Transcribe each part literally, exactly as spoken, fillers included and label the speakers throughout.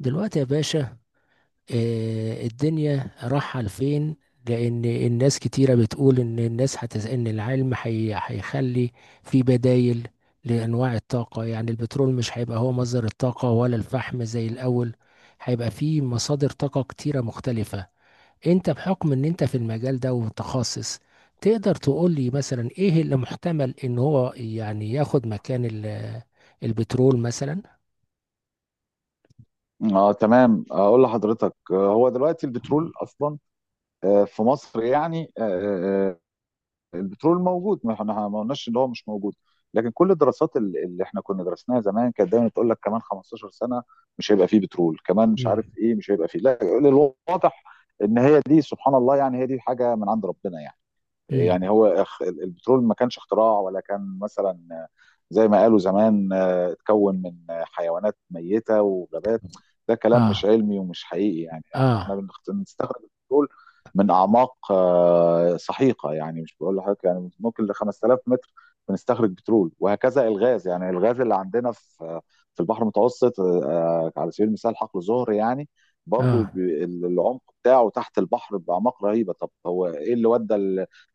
Speaker 1: دلوقتي يا باشا. آه، الدنيا رايحة لفين؟ لأن الناس كتيرة بتقول إن الناس هتز... إن العلم هي... هيخلي في بدايل لأنواع الطاقة، يعني البترول مش هيبقى هو مصدر الطاقة ولا الفحم زي الأول، هيبقى في مصادر طاقة كتيرة مختلفة. أنت بحكم إن أنت في المجال ده ومتخصص، تقدر تقول لي مثلا إيه اللي محتمل إن هو يعني ياخد مكان ال... البترول مثلا؟
Speaker 2: اه تمام، اقول لحضرتك، آه، هو دلوقتي البترول اصلا آه، في مصر يعني آه، آه، آه، البترول موجود، ما احنا ما قلناش ان هو مش موجود. لكن كل الدراسات ال- اللي احنا كنا درسناها زمان كانت دايما تقول لك كمان خمسة عشر سنه مش هيبقى فيه بترول، كمان مش عارف
Speaker 1: امم.
Speaker 2: ايه مش هيبقى فيه، لا الواضح ان هي دي، سبحان الله، يعني هي دي حاجه من عند ربنا يعني.
Speaker 1: امم.
Speaker 2: يعني هو اخ- ال- البترول ما كانش اختراع، ولا كان مثلا آه، زي ما قالوا زمان، آه، اتكون من آه، حيوانات ميتة وغابات. ده كلام مش
Speaker 1: اه.
Speaker 2: علمي ومش حقيقي. يعني احنا احنا
Speaker 1: اه.
Speaker 2: بنخت- بنستخرج البترول من اعماق آه، سحيقة، يعني مش بقول لحضرتك، يعني ممكن ل خمسة آلاف متر بنستخرج بترول، وهكذا الغاز. يعني الغاز اللي عندنا في في البحر المتوسط، آه، على سبيل المثال حقل زهر. يعني برضو
Speaker 1: اه.
Speaker 2: ب- العمق بتاعه تحت البحر بأعماق رهيبة. طب هو ايه اللي ودى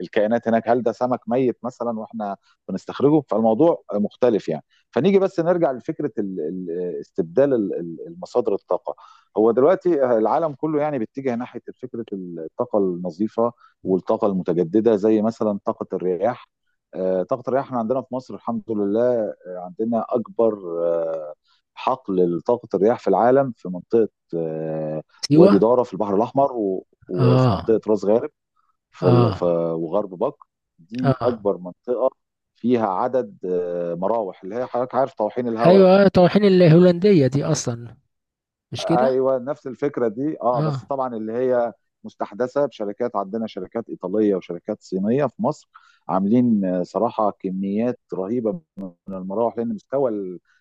Speaker 2: الكائنات هناك؟ هل ده سمك ميت مثلا واحنا بنستخرجه؟ فالموضوع مختلف يعني. فنيجي بس نرجع لفكره ال- ال- استبدال ال- المصادر الطاقه. هو دلوقتي العالم كله يعني بيتجه ناحيه فكره الطاقه النظيفه والطاقه المتجدده، زي مثلا طاقه الرياح. آه، طاقه الرياح، احنا عندنا في مصر الحمد لله، آه، عندنا اكبر آه، حقل لطاقه الرياح في العالم، في منطقه آه، وادي
Speaker 1: سيوة.
Speaker 2: داره في البحر الاحمر، و- وفي
Speaker 1: اه.
Speaker 2: منطقه راس غارب، في ال-
Speaker 1: اه.
Speaker 2: في وغرب بكر. دي
Speaker 1: اه.
Speaker 2: اكبر منطقه فيها عدد آه، مراوح، اللي هي حضرتك عارف طواحين الهواء.
Speaker 1: ايوه، طواحين الهولندية دي اصلا، مش كده؟
Speaker 2: ايوه، نفس الفكره دي، اه بس
Speaker 1: اه.
Speaker 2: طبعا اللي هي مستحدثه بشركات. عندنا شركات ايطاليه وشركات صينيه في مصر عاملين، آه، صراحه، كميات رهيبه من المراوح، لان مستوى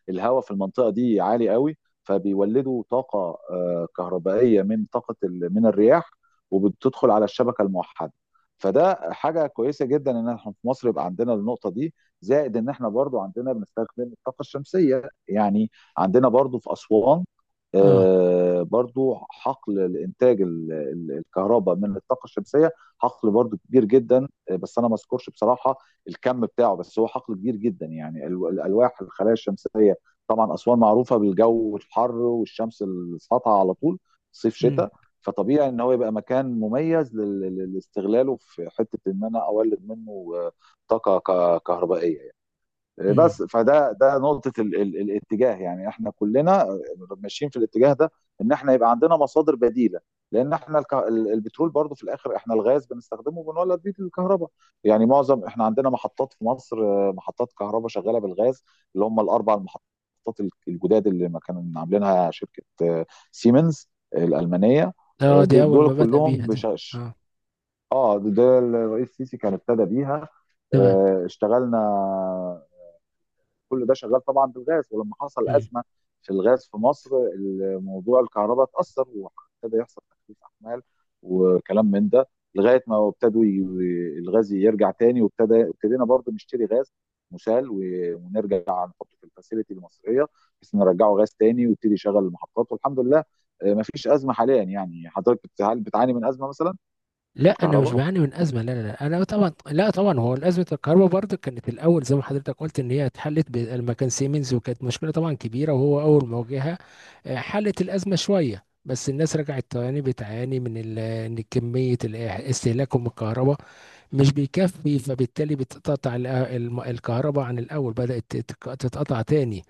Speaker 2: الهواء في المنطقه دي عالي قوي، فبيولدوا طاقه آه، كهربائيه من طاقه من الرياح، وبتدخل على الشبكه الموحده. فده حاجه كويسه جدا ان احنا في مصر يبقى عندنا النقطه دي، زائد ان احنا برضو عندنا بنستخدم الطاقه الشمسيه. يعني عندنا برضو في اسوان،
Speaker 1: اه.
Speaker 2: آه، برضو حقل الانتاج ال- ال- الكهرباء من الطاقه الشمسيه. حقل برضو كبير جدا، آه، بس انا ما اذكرش بصراحه الكم بتاعه، بس هو حقل كبير جدا. يعني ال- الالواح الخلايا الشمسيه، طبعا اسوان معروفه بالجو الحر والشمس الساطعه على طول، صيف
Speaker 1: امم.
Speaker 2: شتاء، فطبيعي ان هو يبقى مكان مميز لل- لل- لاستغلاله في حته ان انا اولد منه آه، طاقه ك- كهربائيه. آه،
Speaker 1: امم.
Speaker 2: بس فده ده نقطة ال ال الاتجاه، يعني احنا كلنا ماشيين في الاتجاه ده، ان احنا يبقى عندنا مصادر بديلة، لان احنا الك... البترول برضو في الاخر احنا الغاز بنستخدمه وبنولد بيه الكهرباء. يعني معظم، احنا عندنا محطات في مصر، آه، محطات كهرباء شغالة بالغاز، اللي هم الاربع المحطات الجداد اللي ما كانوا عاملينها شركة سيمنز الألمانية.
Speaker 1: اه، دي اول
Speaker 2: دول
Speaker 1: ما بدأ
Speaker 2: كلهم
Speaker 1: بيها دي.
Speaker 2: بشاش.
Speaker 1: اه.
Speaker 2: اه، ده الرئيس السيسي كان ابتدى بيها.
Speaker 1: تمام.
Speaker 2: آه، اشتغلنا، كل ده شغال طبعا بالغاز. ولما حصل
Speaker 1: امم.
Speaker 2: ازمه في الغاز في مصر، موضوع الكهرباء اتاثر وابتدى يحصل تخفيف احمال وكلام من ده، لغايه ما ابتدوا ي... الغاز يرجع تاني، وابتدى ابتدينا برضه نشتري غاز مسال، و... ونرجع نحطه في الفاسيلتي المصريه بحيث نرجعه غاز تاني ويبتدي يشغل المحطات. والحمد لله ما فيش ازمه حاليا. يعني حضرتك بتعاني, بتعاني من ازمه مثلا في
Speaker 1: لا، انا مش
Speaker 2: الكهرباء؟
Speaker 1: بعاني من ازمه، لا لا لا، انا طبعا، لا طبعا، هو ازمه الكهرباء برضه كانت الاول زي ما حضرتك قلت ان هي اتحلت لما كان سيمنز، وكانت مشكله طبعا كبيره وهو اول ما واجهها. آه، حلت الازمه شويه، بس الناس رجعت تاني بتعاني من ال- ان كميه ال- استهلاكهم الكهرباء مش بيكفي، فبالتالي بتتقطع ال- الم- الكهرباء، عن الأول بدأت تتك- تتقطع تاني.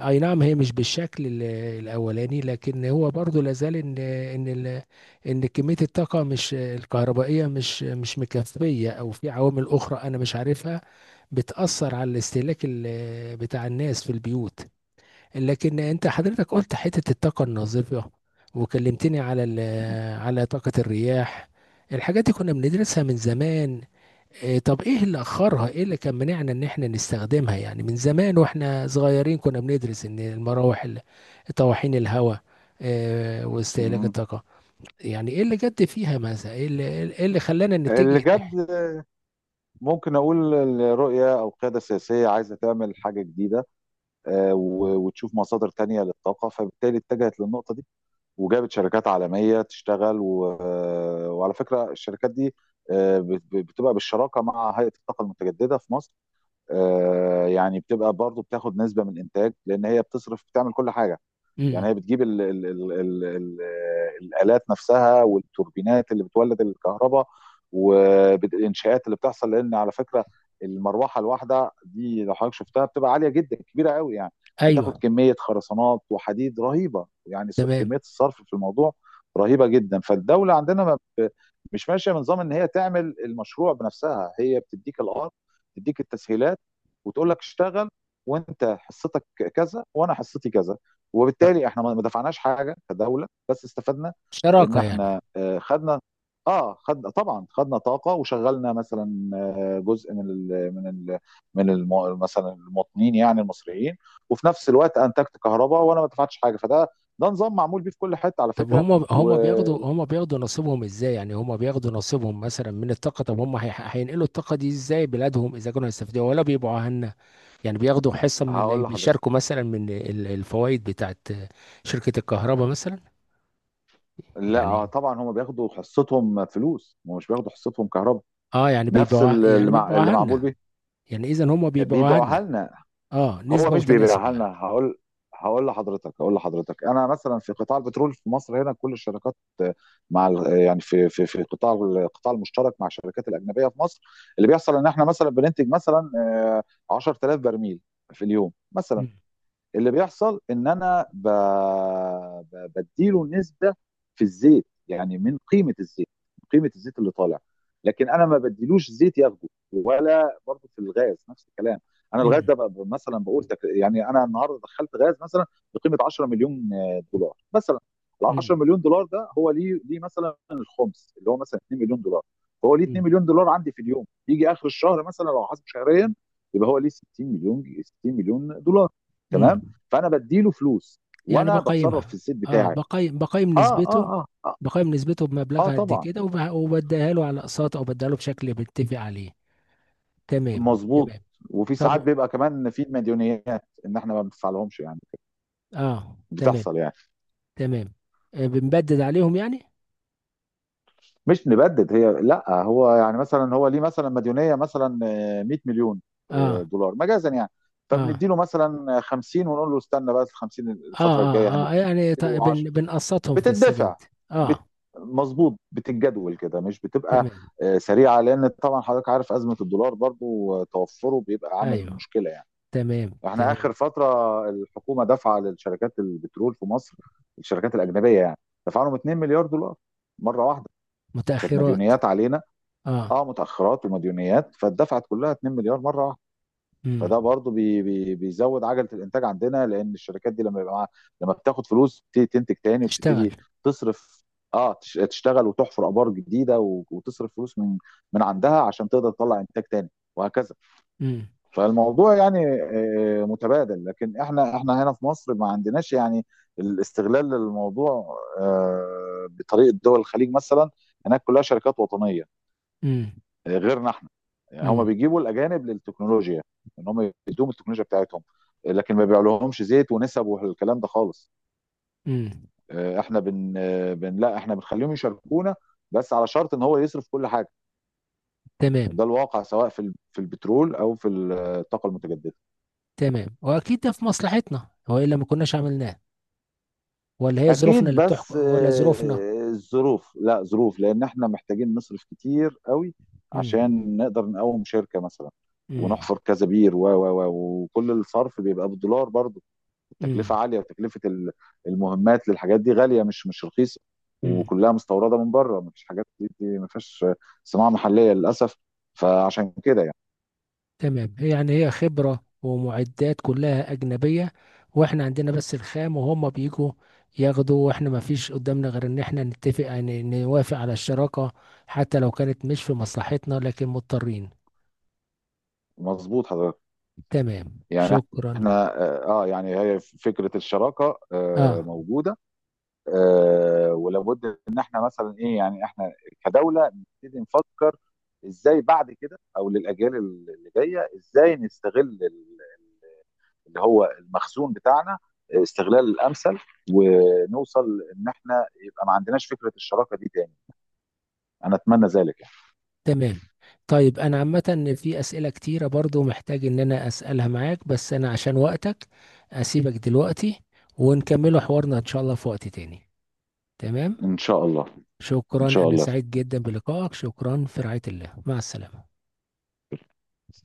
Speaker 1: أي نعم، هي مش بالشكل ال- الأولاني، لكن هو برضو لازال إن إن ال- إن كمية الطاقة مش الكهربائية مش مش مكفية، أو في عوامل أخرى أنا مش عارفها بتأثر على الاستهلاك ال- بتاع الناس في البيوت. لكن أنت حضرتك قلت حتة الطاقة النظيفة، وكلمتني على ال- على طاقة الرياح. الحاجات دي كنا بندرسها من زمان. إيه طب ايه اللي اخرها، ايه اللي كان منعنا ان احنا نستخدمها؟ يعني من زمان واحنا صغيرين كنا بندرس ان المراوح ال- طواحين الهواء. إيه واستهلاك
Speaker 2: مم.
Speaker 1: الطاقة. يعني ايه اللي جد فيها، مثلا ايه اللي ايه اللي خلانا
Speaker 2: اللي
Speaker 1: نتجه
Speaker 2: جد
Speaker 1: ناحية.
Speaker 2: ممكن اقول الرؤيه، او قياده سياسيه عايزه تعمل حاجه جديده وتشوف مصادر تانية للطاقة، فبالتالي اتجهت للنقطة دي وجابت شركات عالمية تشتغل. و... وعلى فكرة الشركات دي بتبقى بالشراكة مع هيئة الطاقة المتجددة في مصر. آه، يعني بتبقى برضو بتاخد نسبة من الإنتاج، لأن هي بتصرف بتعمل كل حاجة.
Speaker 1: امم.
Speaker 2: يعني هي بتجيب ال ال ال ال ال الآلات نفسها والتوربينات اللي بتولد الكهرباء والإنشاءات اللي بتحصل. لأن على فكرة، المروحة الواحدة دي لو حضرتك شفتها بتبقى عالية جدا، كبيرة قوي يعني، بتاخد
Speaker 1: ايوه.
Speaker 2: كمية خرسانات وحديد رهيبة يعني.
Speaker 1: تمام.
Speaker 2: كمية الصرف في الموضوع رهيبة جدا. فالدولة عندنا ما ب- مش ماشية بنظام إن هي تعمل المشروع بنفسها. هي بتديك الأرض، تديك التسهيلات وتقول لك اشتغل، وانت حصتك كذا وانا حصتي كذا.
Speaker 1: طب
Speaker 2: وبالتالي احنا ما دفعناش حاجه كدوله، بس استفدنا ان
Speaker 1: شراكة يعني.
Speaker 2: احنا آه، خدنا اه خدنا. طبعا خدنا طاقه، وشغلنا مثلا آه، جزء من ال من ال من ال مثلا المواطنين، يعني المصريين. وفي نفس الوقت انتجت كهرباء وانا ما دفعتش حاجه. فده ده نظام معمول بيه في كل حته على
Speaker 1: طب
Speaker 2: فكره.
Speaker 1: هم هم بياخدوا،
Speaker 2: وهقول
Speaker 1: هم بياخدوا نصيبهم ازاي؟ يعني هم بياخدوا نصيبهم مثلا من الطاقة. طب هم، هي- هينقلوا الطاقة دي ازاي بلادهم، اذا كانوا هيستفيدوا ولا بيبقوا، يعني بياخدوا حصة من اللي
Speaker 2: لحضرتك،
Speaker 1: بيشاركوا مثلا من الفوائد بتاعت شركة الكهرباء مثلا؟
Speaker 2: لا آه،
Speaker 1: يعني
Speaker 2: طبعا هم بياخدوا حصتهم فلوس، ومش بياخدوا حصتهم كهرباء.
Speaker 1: اه، يعني
Speaker 2: نفس
Speaker 1: بيبيعوا
Speaker 2: اللي,
Speaker 1: يعني
Speaker 2: مع... اللي
Speaker 1: بيبيعوها
Speaker 2: معمول
Speaker 1: لنا؟
Speaker 2: بيه.
Speaker 1: يعني اذا هم بيبيعوها
Speaker 2: بيبيعوها
Speaker 1: لنا،
Speaker 2: لنا.
Speaker 1: اه،
Speaker 2: هو
Speaker 1: نسبة
Speaker 2: مش
Speaker 1: وتناسب
Speaker 2: بيبيعها لنا.
Speaker 1: يعني.
Speaker 2: هقول هقول لحضرتك هقول لحضرتك، انا مثلا في قطاع البترول في مصر هنا، كل الشركات آه، مع ال- آه، يعني في في في قطاع القطاع المشترك مع الشركات الاجنبيه في مصر. اللي بيحصل ان احنا مثلا بننتج مثلا آه، عشرة آلاف برميل في اليوم مثلا.
Speaker 1: مم.
Speaker 2: اللي بيحصل ان انا ب... ب... بديله نسبه في الزيت، يعني من قيمه الزيت، من قيمه الزيت اللي طالع. لكن انا ما بديلوش زيت ياخده. ولا برضه في الغاز نفس الكلام. انا الغاز
Speaker 1: مم.
Speaker 2: ده بقى مثلا، بقول تك... يعني انا النهارده دخلت غاز مثلا بقيمه عشرة مليون دولار مثلا. ال
Speaker 1: مم.
Speaker 2: عشرة مليون دولار ده، هو ليه، ليه مثلا الخمس اللي هو مثلا اثنين مليون دولار. فهو ليه اثنين
Speaker 1: مم.
Speaker 2: مليون دولار عندي في اليوم، يجي اخر الشهر مثلا لو حاسب شهريا يبقى هو ليه ستين مليون، ستين مليون دولار، تمام.
Speaker 1: مم.
Speaker 2: فانا بديله فلوس
Speaker 1: يعني
Speaker 2: وانا بتصرف في
Speaker 1: بقيمها،
Speaker 2: الزيت
Speaker 1: اه،
Speaker 2: بتاعي.
Speaker 1: بقيم بقيم
Speaker 2: اه
Speaker 1: نسبته
Speaker 2: اه اه اه،
Speaker 1: بقيم نسبته
Speaker 2: آه
Speaker 1: بمبلغها قد
Speaker 2: طبعا
Speaker 1: كده، وب- وبديها له على اقساط، او بديها له بشكل بنتفق عليه. تمام تمام.
Speaker 2: مظبوط. وفي
Speaker 1: طب
Speaker 2: ساعات
Speaker 1: و-
Speaker 2: بيبقى كمان في مديونيات ان احنا ما بندفعلهمش يعني،
Speaker 1: اه تمام
Speaker 2: بتحصل يعني.
Speaker 1: تمام. آه، بنبدد عليهم يعني.
Speaker 2: مش نبدد هي، لا هو يعني مثلا، هو ليه مثلا مديونيه مثلا مية مليون آه،
Speaker 1: اه
Speaker 2: دولار مجازا يعني.
Speaker 1: اه
Speaker 2: فبندي له مثلا خمسين، ونقول له استنى بقى، ال خمسين
Speaker 1: اه
Speaker 2: الفتره الجايه
Speaker 1: اه
Speaker 2: هنديك
Speaker 1: اه، يعني ط-
Speaker 2: له
Speaker 1: بن
Speaker 2: عشرة.
Speaker 1: بنقسطهم في السداد.
Speaker 2: بتدفع بت...
Speaker 1: اه
Speaker 2: مظبوط، بتتجدول كده، مش بتبقى
Speaker 1: تمام.
Speaker 2: آه، سريعه، لان طبعا حضرتك عارف ازمه الدولار برضو، آه، توفره بيبقى عامل
Speaker 1: ايوه
Speaker 2: مشكله يعني.
Speaker 1: تمام
Speaker 2: احنا
Speaker 1: تمام.
Speaker 2: اخر فتره الحكومه دفع للشركات البترول في مصر، الشركات الاجنبيه يعني، دفع لهم اتنين مليار دولار مره واحده. كانت
Speaker 1: متأخرات.
Speaker 2: مديونيات علينا.
Speaker 1: اه.
Speaker 2: اه، متاخرات ومديونيات فاتدفعت كلها اثنين مليار مره واحده.
Speaker 1: امم.
Speaker 2: فده برضو بي بي بيزود عجله الانتاج عندنا، لان الشركات دي لما يبقى معاها، لما بتاخد فلوس بتبتدي تنتج تاني،
Speaker 1: تشتغل.
Speaker 2: وبتبتدي تصرف، اه تش- تشتغل وتحفر ابار جديده، و- وتصرف فلوس من من عندها عشان تقدر تطلع انتاج تاني وهكذا.
Speaker 1: امم.
Speaker 2: فالموضوع يعني آه، متبادل، لكن احنا، احنا هنا في مصر، ما عندناش يعني الاستغلال للموضوع آه، بطريقه دول الخليج مثلا. هناك كلها شركات وطنيه
Speaker 1: امم.
Speaker 2: غيرنا احنا. يعني هم
Speaker 1: امم.
Speaker 2: بيجيبوا الاجانب للتكنولوجيا، ان هم يدوم التكنولوجيا بتاعتهم، لكن ما بيعلوهمش زيت ونسب والكلام ده خالص.
Speaker 1: امم.
Speaker 2: آه، احنا بن, آه، بن لا احنا بنخليهم يشاركونا، بس على شرط ان هو يصرف كل حاجه.
Speaker 1: تمام
Speaker 2: وده الواقع، سواء في في البترول او في الطاقه المتجدده.
Speaker 1: تمام، واكيد ده في مصلحتنا، والا ما كناش عملناه. ولا هي ظروفنا
Speaker 2: اكيد،
Speaker 1: اللي بتحكم،
Speaker 2: بس
Speaker 1: ولا ظروفنا.
Speaker 2: آه، الظروف، لا ظروف، لان احنا محتاجين نصرف كتير قوي
Speaker 1: امم.
Speaker 2: عشان نقدر نقوم شركه مثلا،
Speaker 1: امم.
Speaker 2: ونحفر كذا بير و و و وكل الصرف بيبقى بالدولار برضو. التكلفه عاليه، وتكلفه ال- المهمات للحاجات دي غاليه، مش مش رخيصه،
Speaker 1: امم.
Speaker 2: وكلها مستورده من بره. مفيش حاجات دي دي- مفيش صناعه محليه للاسف. فعشان كده يعني.
Speaker 1: تمام، هي يعني هي خبرة ومعدات كلها أجنبية، وإحنا عندنا بس الخام، وهم بيجوا ياخدوا، وإحنا ما فيش قدامنا غير إن إحنا نتفق، يعني نوافق على الشراكة حتى لو كانت مش في مصلحتنا، لكن مضطرين.
Speaker 2: مظبوط حضرتك.
Speaker 1: تمام
Speaker 2: يعني
Speaker 1: شكرا.
Speaker 2: احنا اه آه، يعني هي فكره الشراكه آه
Speaker 1: آه
Speaker 2: موجوده، آه ولابد ان احنا مثلا ايه، يعني احنا كدوله نبتدي نفكر ازاي بعد كده، او للاجيال اللي جايه، ازاي نستغل ال- اللي هو المخزون بتاعنا آه، استغلال الامثل، ونوصل ان احنا يبقى ما عندناش فكره الشراكه دي تاني. انا اتمنى ذلك يعني.
Speaker 1: تمام. طيب، أنا عامة في أسئلة كتيرة برضو محتاج إن أنا أسألها معاك، بس أنا عشان وقتك أسيبك دلوقتي، ونكمله حوارنا إن شاء الله في وقت تاني. تمام.
Speaker 2: ان شاء الله. ان
Speaker 1: شكرا،
Speaker 2: شاء
Speaker 1: أنا
Speaker 2: الله.
Speaker 1: سعيد جدا بلقائك. شكرا، في رعاية الله، مع السلامة.